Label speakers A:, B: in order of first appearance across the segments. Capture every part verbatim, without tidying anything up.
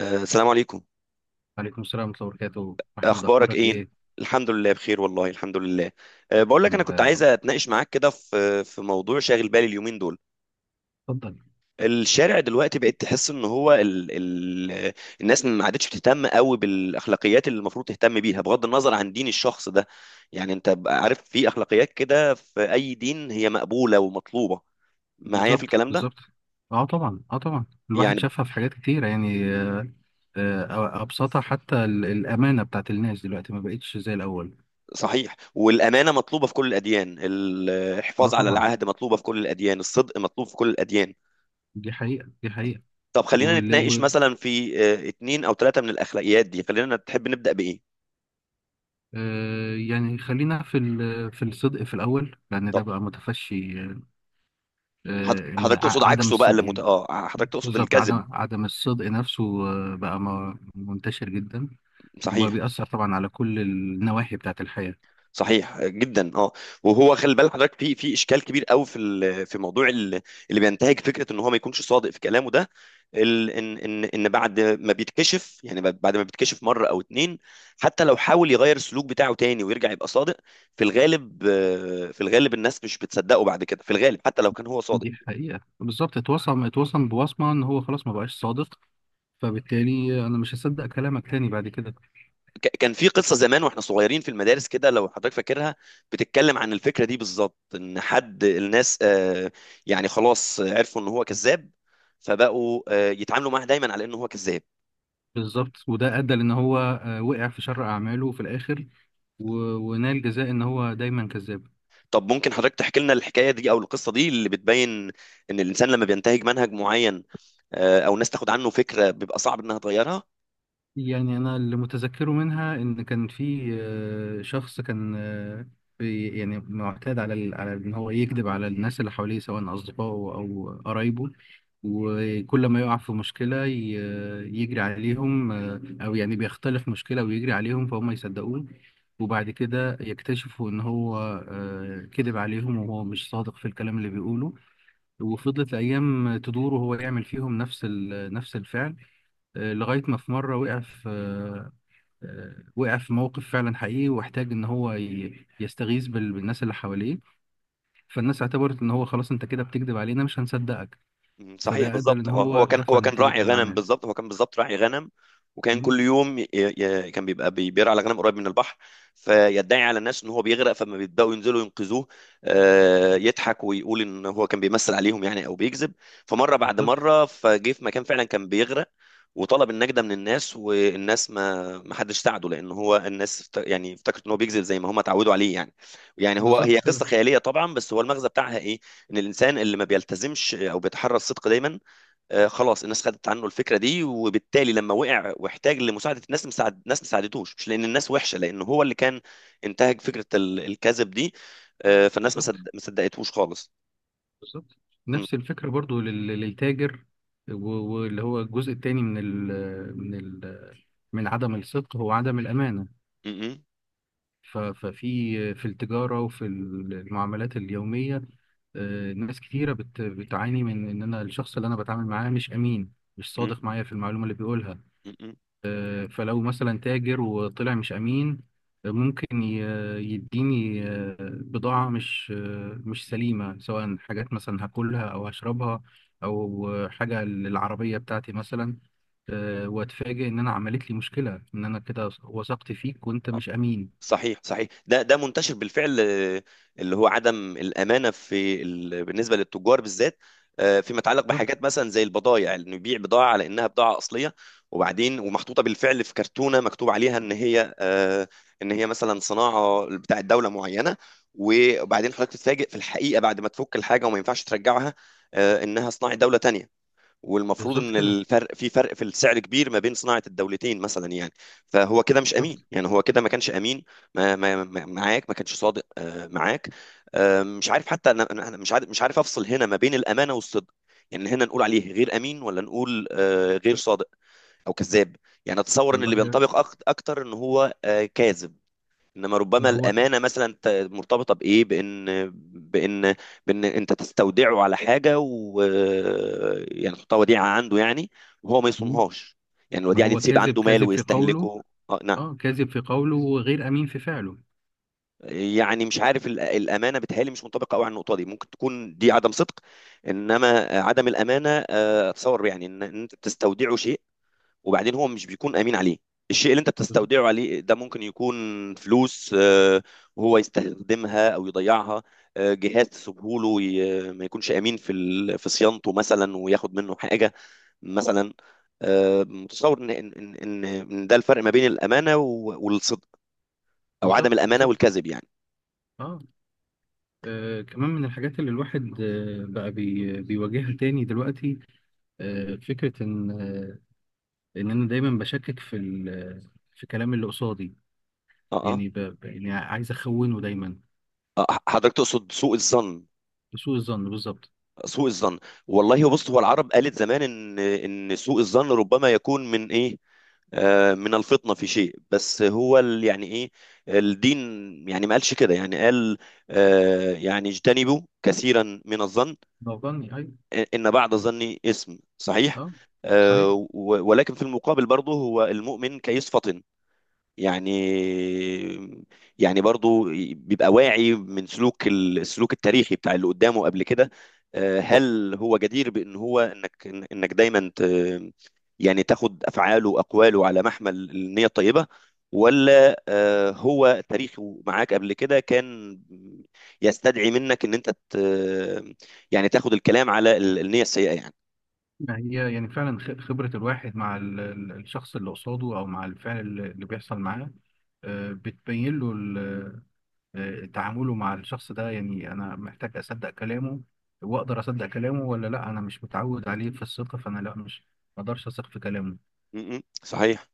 A: آه، السلام عليكم.
B: وعليكم السلام ورحمة الله وبركاته، محمود
A: اخبارك
B: أخبارك
A: ايه؟
B: إيه؟
A: الحمد لله بخير، والله الحمد لله. أه بقول لك، انا
B: الحمد لله
A: كنت
B: يا
A: عايز
B: رب.
A: اتناقش معاك كده في في موضوع شاغل بالي اليومين دول.
B: اتفضل.
A: الشارع دلوقتي بقيت تحس ان هو ال ال الناس ما عادتش بتهتم قوي بالاخلاقيات اللي المفروض تهتم بيها بغض النظر عن دين الشخص ده. يعني انت بقى عارف في اخلاقيات كده في اي دين هي مقبولة ومطلوبة. معايا في
B: بالظبط،
A: الكلام ده؟
B: بالظبط. أه طبعا، أه طبعا. الواحد
A: يعني
B: شافها في حاجات كتيرة يعني. آه، آه، أبسطها حتى ال- الأمانة بتاعت الناس دلوقتي ما بقتش زي الأول.
A: صحيح، والأمانة مطلوبة في كل الأديان،
B: أه
A: الحفاظ على
B: طبعا.
A: العهد مطلوبة في كل الأديان، الصدق مطلوب في كل الأديان.
B: دي حقيقة، دي حقيقة.
A: طب خلينا
B: ول-
A: نتناقش
B: و
A: مثلا في آه، اتنين او تلاتة من الاخلاقيات دي، خلينا تحب نبدأ بايه؟
B: آه، يعني خلينا في ال- في الصدق في الأول، لأن
A: طب
B: ده بقى متفشي. آه،
A: حض-
B: آه، إن
A: حضرتك تقصد
B: ع- عدم
A: عكسه بقى، اللي
B: الصدق
A: مت...
B: يعني.
A: اه، حضرتك تقصد
B: بالظبط،
A: الكذب.
B: عدم عدم الصدق نفسه. آه، بقى م- منتشر جدا،
A: صحيح،
B: وبيأثر طبعا على كل النواحي بتاعة الحياة.
A: صحيح، آه، جدا. اه. وهو خلي بال حضرتك، في في اشكال كبير قوي في ال... في موضوع ال... اللي بينتهج فكرة ان هو ما يكونش صادق في كلامه ده. ال... ان ان ان بعد ما بيتكشف، يعني، ب- بعد ما بيتكشف مرة او اتنين، حتى لو حاول يغير السلوك بتاعه تاني ويرجع يبقى صادق، في الغالب آه، في الغالب الناس مش بتصدقه بعد كده، في الغالب حتى لو كان هو صادق.
B: دي حقيقة. بالظبط. اتوصم اتوصم بوصمة ان هو خلاص ما بقاش صادق، فبالتالي انا مش هصدق كلامك تاني بعد كده.
A: ك- كان في قصة زمان واحنا صغيرين في المدارس كده، لو حضرتك فاكرها، بتتكلم عن الفكرة دي بالظبط، ان حد الناس آه، يعني خلاص عرفوا ان هو كذاب، فبقوا آه، يتعاملوا معاه دايما على انه هو كذاب.
B: بالظبط. وده ادى لان هو آه، وقع في شر اعماله في الاخر، و- ونال جزاء ان هو دايما كذاب.
A: طب ممكن حضرتك تحكي لنا الحكاية دي او القصة دي اللي بتبين ان الانسان لما بينتهج منهج معين، آه، او الناس تاخد عنه فكرة، بيبقى صعب انها تغيرها.
B: يعني انا اللي متذكره منها ان كان في آه، شخص كان آه، في يعني معتاد على ال- على ان هو يكذب على الناس اللي حواليه، سواء اصدقائه او قرايبه. وكل ما يقع في مشكلة ي- يجري عليهم، آه، او يعني بيختلف مشكلة ويجري عليهم فهم يصدقوه، وبعد كده يكتشفوا ان هو آه، كذب عليهم وهو مش صادق في الكلام اللي بيقوله. وفضلت الايام تدور وهو يعمل فيهم نفس ال- نفس الفعل. آه، لغاية ما في مرة وقع في آه، آه، وقع في موقف فعلا حقيقي، واحتاج إن هو ي- يستغيث بال- بالناس اللي حواليه، فالناس اعتبرت إن هو خلاص أنت كده بتكذب علينا، مش هنصدقك.
A: مم، صحيح،
B: فده أدى
A: بالظبط.
B: إن
A: آه،
B: هو
A: هو كان
B: دفع
A: هو كان راعي
B: نتيجة
A: غنم،
B: الأعمال.
A: بالظبط، هو كان بالظبط راعي غنم. وكان كل
B: مم.
A: يوم ي... ي... كان بيبقى بي- بيرعى على غنم قريب من البحر، فيدعي على الناس ان هو بيغرق، فلما بيبداوا ينزلوا ينقذوه، آه، يضحك ويقول ان هو كان بيمثل عليهم، يعني او بيكذب. فمره بعد
B: بالظبط.
A: مره، فجه في مكان فعلا كان بيغرق وطلب النجدة من الناس، والناس ما ما حدش ساعده، لان هو الناس افت- يعني افتكرت ان هو بيكذب زي ما هم اتعودوا عليه، يعني. يعني هو
B: بالظبط
A: هي قصة
B: كده.
A: خيالية طبعا، بس هو المغزى بتاعها ايه؟ ان الانسان اللي ما بيلتزمش او بيتحرى الصدق دايما، آه، خلاص الناس خدت عنه الفكره دي، وبالتالي لما وقع واحتاج لمساعده الناس، مساعد ناس ما ساعدتوش، مش لان الناس وحشه، لان هو اللي كان انتهج فكره ال- الكذب دي. آه، فالناس ما
B: بالظبط،
A: صد- ما صدقتهوش خالص.
B: بالظبط.
A: م-
B: نفس الفكرة برضو لل- للتاجر، و- واللي هو الجزء التاني من ال من ال من عدم الصدق هو عدم الأمانة.
A: م- م-
B: ف- ففي في التجارة وفي المعاملات اليومية، آه، ناس كتيرة بت- بتعاني من إن أنا الشخص اللي أنا بتعامل معاه مش أمين، مش
A: م-
B: صادق معايا في المعلومة اللي بيقولها.
A: م- م.
B: آه، فلو مثلا تاجر وطلع مش أمين، آه، ممكن ي- يديني آه، بضاعة مش آه، مش سليمة، سواء حاجات مثلا هاكلها أو هشربها، أو آه، حاجة للعربية بتاعتي مثلا. آه، وأتفاجئ إن أنا عملت لي مشكلة إن أنا كده وثقت فيك وأنت مش أمين.
A: صحيح، صحيح، ده ده منتشر بالفعل، آه، اللي هو عدم الامانه في ال... بالنسبه للتجار بالذات، آه، فيما يتعلق بحاجات مثلا زي البضائع، انه يبيع بضاعه على انها بضاعه اصليه، وبعدين ومحطوطه بالفعل في كرتونه مكتوب عليها ان هي آه، ان هي مثلا صناعه بتاع دوله معينه، وبعدين حضرتك تتفاجئ في الحقيقه بعد ما تفك الحاجه وما ينفعش ترجعها، آه، انها صناعه دوله تانية، والمفروض
B: بالظبط
A: ان
B: كده.
A: الفرق في فرق في السعر كبير ما بين صناعه الدولتين مثلا يعني. فهو كده مش امين،
B: بالظبط.
A: يعني هو كده ما كانش امين، ما ما ما- معاك، ما كانش صادق آه، معاك. آه، مش عارف، حتى انا أنا- أنا مش عارف مش عارف افصل هنا ما بين الامانه والصدق. يعني هنا نقول عليه غير امين ولا نقول آه، غير صادق او كذاب؟ يعني اتصور ان
B: والله.
A: اللي بينطبق أك- اكتر ان هو آه، كاذب. انما ربما
B: ما هو ك...
A: الامانه مثلا ت- مرتبطه بايه، بان بان بان انت تستودعه على حاجه، و... يعني تحطها وديعه عنده، يعني، وهو ما
B: مم.
A: يصونهاش. يعني
B: ما
A: الوديعه دي
B: هو
A: تسيب
B: كاذب،
A: عنده مال
B: كاذب في قوله.
A: ويستهلكه. اه، نعم.
B: اه، كاذب في قوله وغير امين في فعله.
A: يعني مش عارف، ال- الامانه بتهيألي مش منطبقه قوي على النقطه دي، ممكن تكون دي عدم صدق. انما عدم الامانه، آه، اتصور يعني ان إن انت بتستودعه شيء، وبعدين هو مش بيكون امين عليه. الشيء اللي انت
B: بالظبط،
A: بتستودعه عليه ده ممكن يكون فلوس، آه، وهو يستخدمها او يضيعها. آه، جهاز تسيبه له، ي- ما يكونش امين في ال- في صيانته مثلا، وياخد منه حاجه مثلا. آه، متصور ان ان ان إن ده الفرق ما بين الامانه و- والصدق، او عدم
B: بالظبط.
A: الامانه
B: بالظبط.
A: والكذب، يعني.
B: آه. اه كمان من الحاجات اللي الواحد آه بقى بي... بيواجهها تاني دلوقتي. آه فكرة ان آه ان انا دايما بشكك في ال... في كلام اللي قصادي.
A: اه، اه.
B: يعني ب... ب- يعني عايز اخونه دايما،
A: آه، حضرتك تقصد سوء الظن؟
B: بسوء الظن. بالظبط.
A: سوء الظن. والله بص، هو العرب قالت زمان ان ان سوء الظن ربما يكون من ايه؟ آه، من الفطنة في شيء، بس هو ال- يعني ايه، الدين. يعني ما قالش كده، يعني قال آه، يعني اجتنبوا كثيرا من الظن،
B: ظني، ايوه.
A: ان بعد الظن اسم صحيح.
B: اه، صحيح.
A: آه، و- ولكن في المقابل برضه، هو المؤمن كيس فطن، يعني، يعني برضو بيبقى واعي من سلوك ال- السلوك التاريخي بتاع اللي قدامه قبل كده. آه، هل هو جدير بان هو انك إن- انك دايما ت يعني تاخد افعاله واقواله على محمل النية الطيبة، ولا آه، هو تاريخه معاك قبل كده كان يستدعي منك ان انت ت يعني تاخد الكلام على ال- النية السيئة، يعني.
B: ما هي يعني فعلا خ- خبرة الواحد مع ال- ال- الشخص اللي قصاده، أو مع الفعل اللي اللي بيحصل معاه، آه، بتبين له ال- آه، تعامله مع الشخص ده. يعني أنا محتاج أصدق كلامه وأقدر أصدق كلامه، ولا لأ أنا مش متعود عليه في الثقة، فأنا لأ، مش ما أقدرش أثق في كلامه.
A: م- م، صحيح،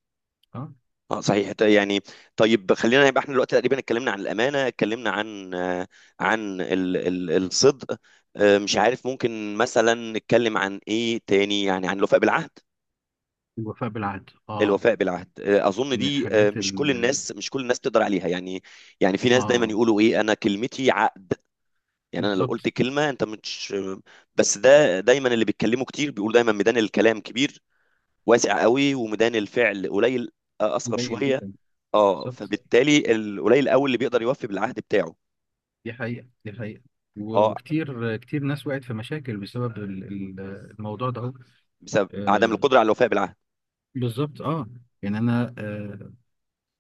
B: أه.
A: اه، صحيح، ت- يعني. طيب خلينا يبقى احنا دلوقتي تقريبا اتكلمنا عن الامانه، اتكلمنا عن آه، عن ال ال الصدق. آه، مش عارف، ممكن مثلا نتكلم عن ايه تاني، يعني عن الوفاء بالعهد.
B: الوفاء بالعهد، أه.
A: الوفاء بالعهد، آه، اظن
B: من
A: دي آه،
B: الحاجات
A: مش كل
B: ال
A: الناس مش كل الناس تقدر عليها يعني. يعني في ناس دايما
B: أه.
A: يقولوا ايه، انا كلمتي عقد. يعني انا لو قلت
B: بالظبط.
A: كلمه انت مش... بس ده دايما اللي بيتكلموا كتير بيقول، دايما ميدان الكلام كبير، واسع قوي، وميدان الفعل قليل، آه، اصغر
B: قليل
A: شويه.
B: جدا.
A: اه،
B: بالظبط.
A: فبالتالي القليل قوي اللي بيقدر يوفي بالعهد بتاعه.
B: دي حقيقة، دي حقيقة. و-
A: اه،
B: وكتير كتير ناس وقعت في مشاكل بسبب ال- ال- الموضوع ده.
A: بسبب عدم القدره على الوفاء بالعهد.
B: بالظبط، اه. يعني انا آه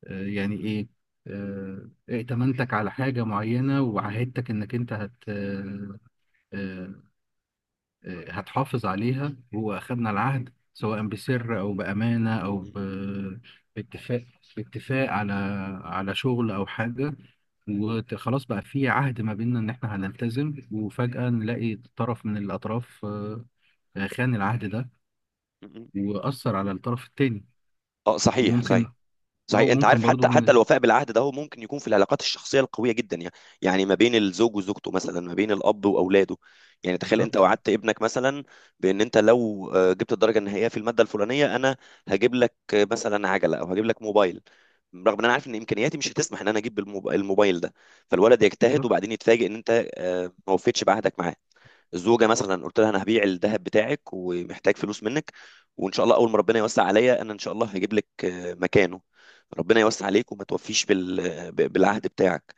B: آه يعني ايه، آه ائتمنتك على حاجة معينة، وعهدتك انك انت هت آه آه آه، هتحافظ عليها. واخدنا العهد سواء بسر او بأمانة او ب- باتفاق باتفاق على على شغل او حاجة، وخلاص بقى في عهد ما بيننا ان احنا هنلتزم، وفجأة نلاقي طرف من الاطراف آه، آه، خان العهد ده،
A: م-
B: وأثر على الطرف التاني.
A: اه، صحيح، صحيح،
B: وممكن. اه،
A: صحيح. انت
B: ممكن
A: عارف، حتى
B: برضو.
A: حتى الوفاء بالعهد ده هو ممكن يكون في العلاقات الشخصيه القويه جدا، يعني يعني ما بين الزوج وزوجته مثلا، ما بين الاب واولاده. يعني تخيل
B: بالظبط،
A: انت وعدت ابنك مثلا بان انت لو آه، جبت الدرجه النهائيه في الماده الفلانيه، انا هجيب لك آه، مثلا عجله، او هجيب لك موبايل، رغم ان انا عارف ان امكانياتي مش هتسمح ان انا اجيب الموب- الموبايل ده، فالولد يجتهد
B: بالظبط.
A: وبعدين يتفاجئ ان انت آه، ما وفيتش بعهدك معاه. الزوجه مثلا قلت لها انا هبيع الذهب بتاعك ومحتاج فلوس منك، وان شاء الله اول ما ربنا يوسع عليا انا ان شاء الله هجيب لك آه، مكانه، ربنا يوسع عليك، وما توفيش بال- آه، ب- بالعهد بتاعك.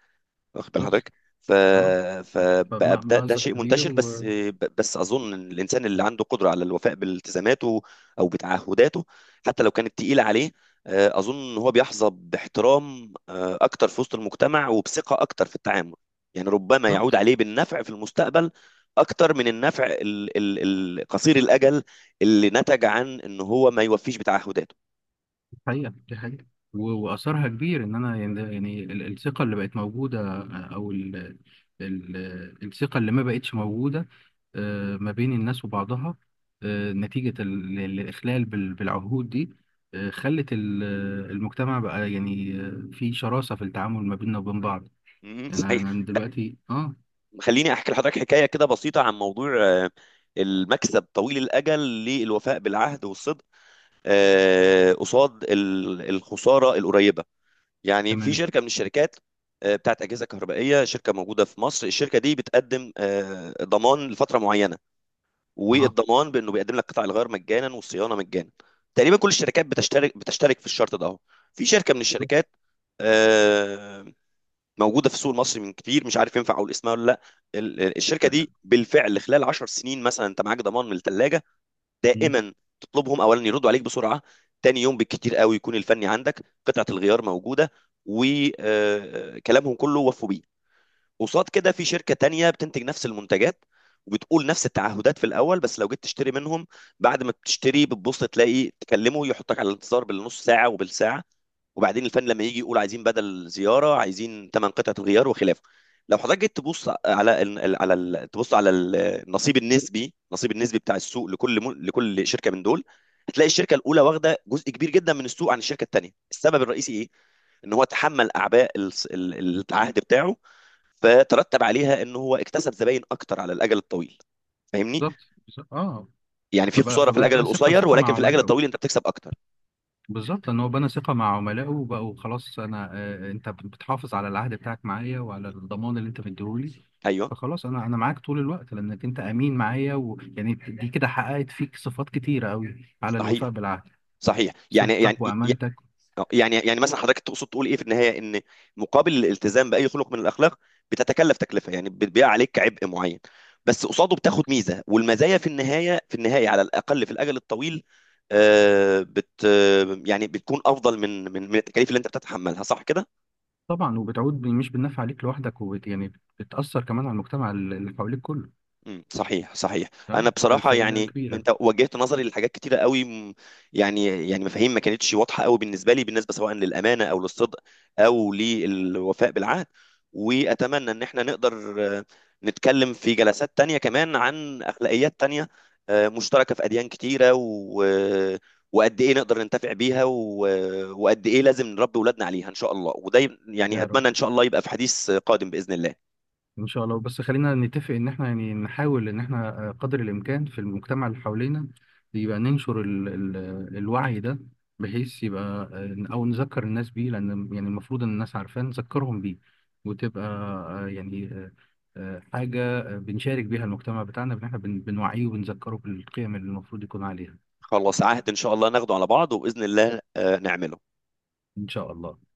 A: واخد بال
B: بالظبط،
A: حضرتك؟ ف
B: اه. ف-
A: فبقى
B: فمع
A: ده, ده
B: مأزق
A: شيء
B: كبير.
A: منتشر، بس ب- بس اظن إن الانسان اللي عنده قدره على الوفاء بالتزاماته او بتعهداته، حتى لو كانت تقيله عليه، آه، اظن ان هو بيحظى باحترام آه، اكتر في وسط المجتمع، وبثقه اكتر في التعامل. يعني ربما يعود
B: وبالظبط.
A: عليه بالنفع في المستقبل اكتر من النفع ال- ال- ال- قصير الاجل اللي نتج عن ان هو ما يوفيش بتعهداته.
B: دي حقيقة، دي حقيقة. و- وأثرها كبير. إن أنا يعني يعني ال- الثقة اللي بقت موجودة، آه، أو ال ال الثقة اللي ما بقتش موجودة آه، ما بين الناس وبعضها، آه، نتيجة ال- ال- الإخلال بال- بالعهود دي. آه، خلت ال- المجتمع بقى يعني آه، في شراسة في التعامل ما بيننا وبين بعض.
A: م-
B: يعني أنا
A: صحيح.
B: أنا دلوقتي آه
A: خليني احكي لحضرتك حكايه كده بسيطه، عن موضوع آه، المكسب طويل الاجل للوفاء بالعهد والصدق، آه، قصاد ال- الخساره القريبه. يعني في
B: تمام.
A: شركه من الشركات آه، بتاعت اجهزه كهربائيه، شركه موجوده في مصر، الشركه دي بتقدم آه، ضمان لفتره معينه،
B: أها.
A: والضمان بانه بيقدم لك قطع الغيار مجانا والصيانه مجانا. تقريبا كل الشركات بتشترك بتشترك في الشرط ده اهو. في شركه من
B: بالظبط.
A: الشركات آه، موجوده في السوق المصري من كتير، مش عارف ينفع اقول اسمها ولا لا. ال- ال- الشركه
B: لا لا.
A: دي بالفعل خلال 10 سنين مثلا، انت معاك ضمان من الثلاجه
B: مم.
A: دائما. تطلبهم اولا يردوا عليك بسرعه، تاني يوم بالكتير قوي يكون الفني عندك، قطعه الغيار موجوده، وكلامهم كله وفوا بيه. قصاد كده في شركه تانية بتنتج نفس المنتجات، وبتقول نفس التعهدات في الاول، بس لو جيت تشتري منهم، بعد ما بتشتري بتبص تلاقي تكلمه يحطك على الانتظار بالنص ساعه وبالساعه، وبعدين الفن لما يجي يقول عايزين بدل زياره، عايزين ثمان قطعه غيار وخلافه. لو حضرتك جيت تبص على ال على ال تبص على ال- النصيب النسبي النصيب النسبي بتاع السوق، لكل م... لكل شركه من دول، هتلاقي الشركه الاولى واخده جزء كبير جدا من السوق عن الشركه الثانيه. السبب الرئيسي ايه؟ ان هو تحمل اعباء الس- ال- ال- العهد بتاعه، فترتب عليها ان هو اكتسب زباين اكتر على الاجل الطويل، فاهمني؟
B: بالظبط، بالظبط. اه.
A: يعني في
B: فبقى
A: خساره في الاجل
B: فبنى ثقة،
A: القصير،
B: ثقة
A: ولكن
B: مع
A: في الاجل
B: عملائه.
A: الطويل انت بتكسب اكتر.
B: بالظبط. لأن هو بنى ثقة مع عملائه، وبقوا خلاص أنا آه، أنت بتحافظ على العهد بتاعك معايا وعلى الضمان اللي أنت مديهولي،
A: ايوه،
B: فخلاص أنا أنا معاك طول الوقت، لأنك أنت أمين معايا. ويعني دي كده حققت فيك صفات كتيرة أوي على الوفاء
A: صحيح،
B: بالعهد،
A: صحيح، يعني
B: صدقك
A: يعني
B: وأمانتك.
A: آه، يعني يعني مثلا حضرتك تقصد تقول ايه في النهايه، ان مقابل الالتزام باي خلق من الاخلاق بتتكلف تكلفه، يعني بتبيع عليك عبء معين، بس قصاده
B: بالظبط.
A: بتاخد ميزه، والمزايا في النهايه في النهايه على الاقل في الاجل الطويل، آه، بت آه، يعني بتكون افضل من من من التكاليف اللي انت بتتحملها، صح كده؟
B: طبعا، وبتعود ب- مش بالنفع عليك لوحدك، وبت يعني بتأثر كمان على المجتمع اللي حواليك كله.
A: مم، صحيح، صحيح، انا
B: تمام،
A: بصراحه
B: فالفايدة
A: يعني
B: كبيرة.
A: انت وجهت نظري لحاجات كتيره قوي، م- يعني يعني مفاهيم ما كانتش واضحه قوي بالنسبه لي، بالنسبه سواء للامانه او للصدق او للوفاء بالعهد. واتمنى ان احنا نقدر آه، نتكلم في جلسات تانية كمان عن اخلاقيات تانية، آه، مشتركه في اديان كتيره، و... آه، وقد ايه نقدر ننتفع بيها، و... آه، وقد ايه لازم نربي اولادنا عليها ان شاء الله. وده ي- يعني
B: يا رب،
A: اتمنى ان شاء الله يبقى في حديث قادم باذن الله.
B: ان شاء الله. بس خلينا نتفق ان احنا يعني نحاول ان احنا آه، قدر الامكان في المجتمع اللي حوالينا يبقى ننشر ال ال الوعي ده، بحيث يبقى آه، او نذكر الناس بيه، لان يعني المفروض ان الناس عارفاه نذكرهم بيه، وتبقى آه، يعني آه، آه، حاجة آه، بنشارك بيها المجتمع بتاعنا، ان احنا بن- بنوعيه وبنذكره بالقيم اللي المفروض يكون عليها.
A: خلاص عهد ان شاء الله ناخده على بعض، وباذن الله آه، نعمله.
B: ان شاء الله.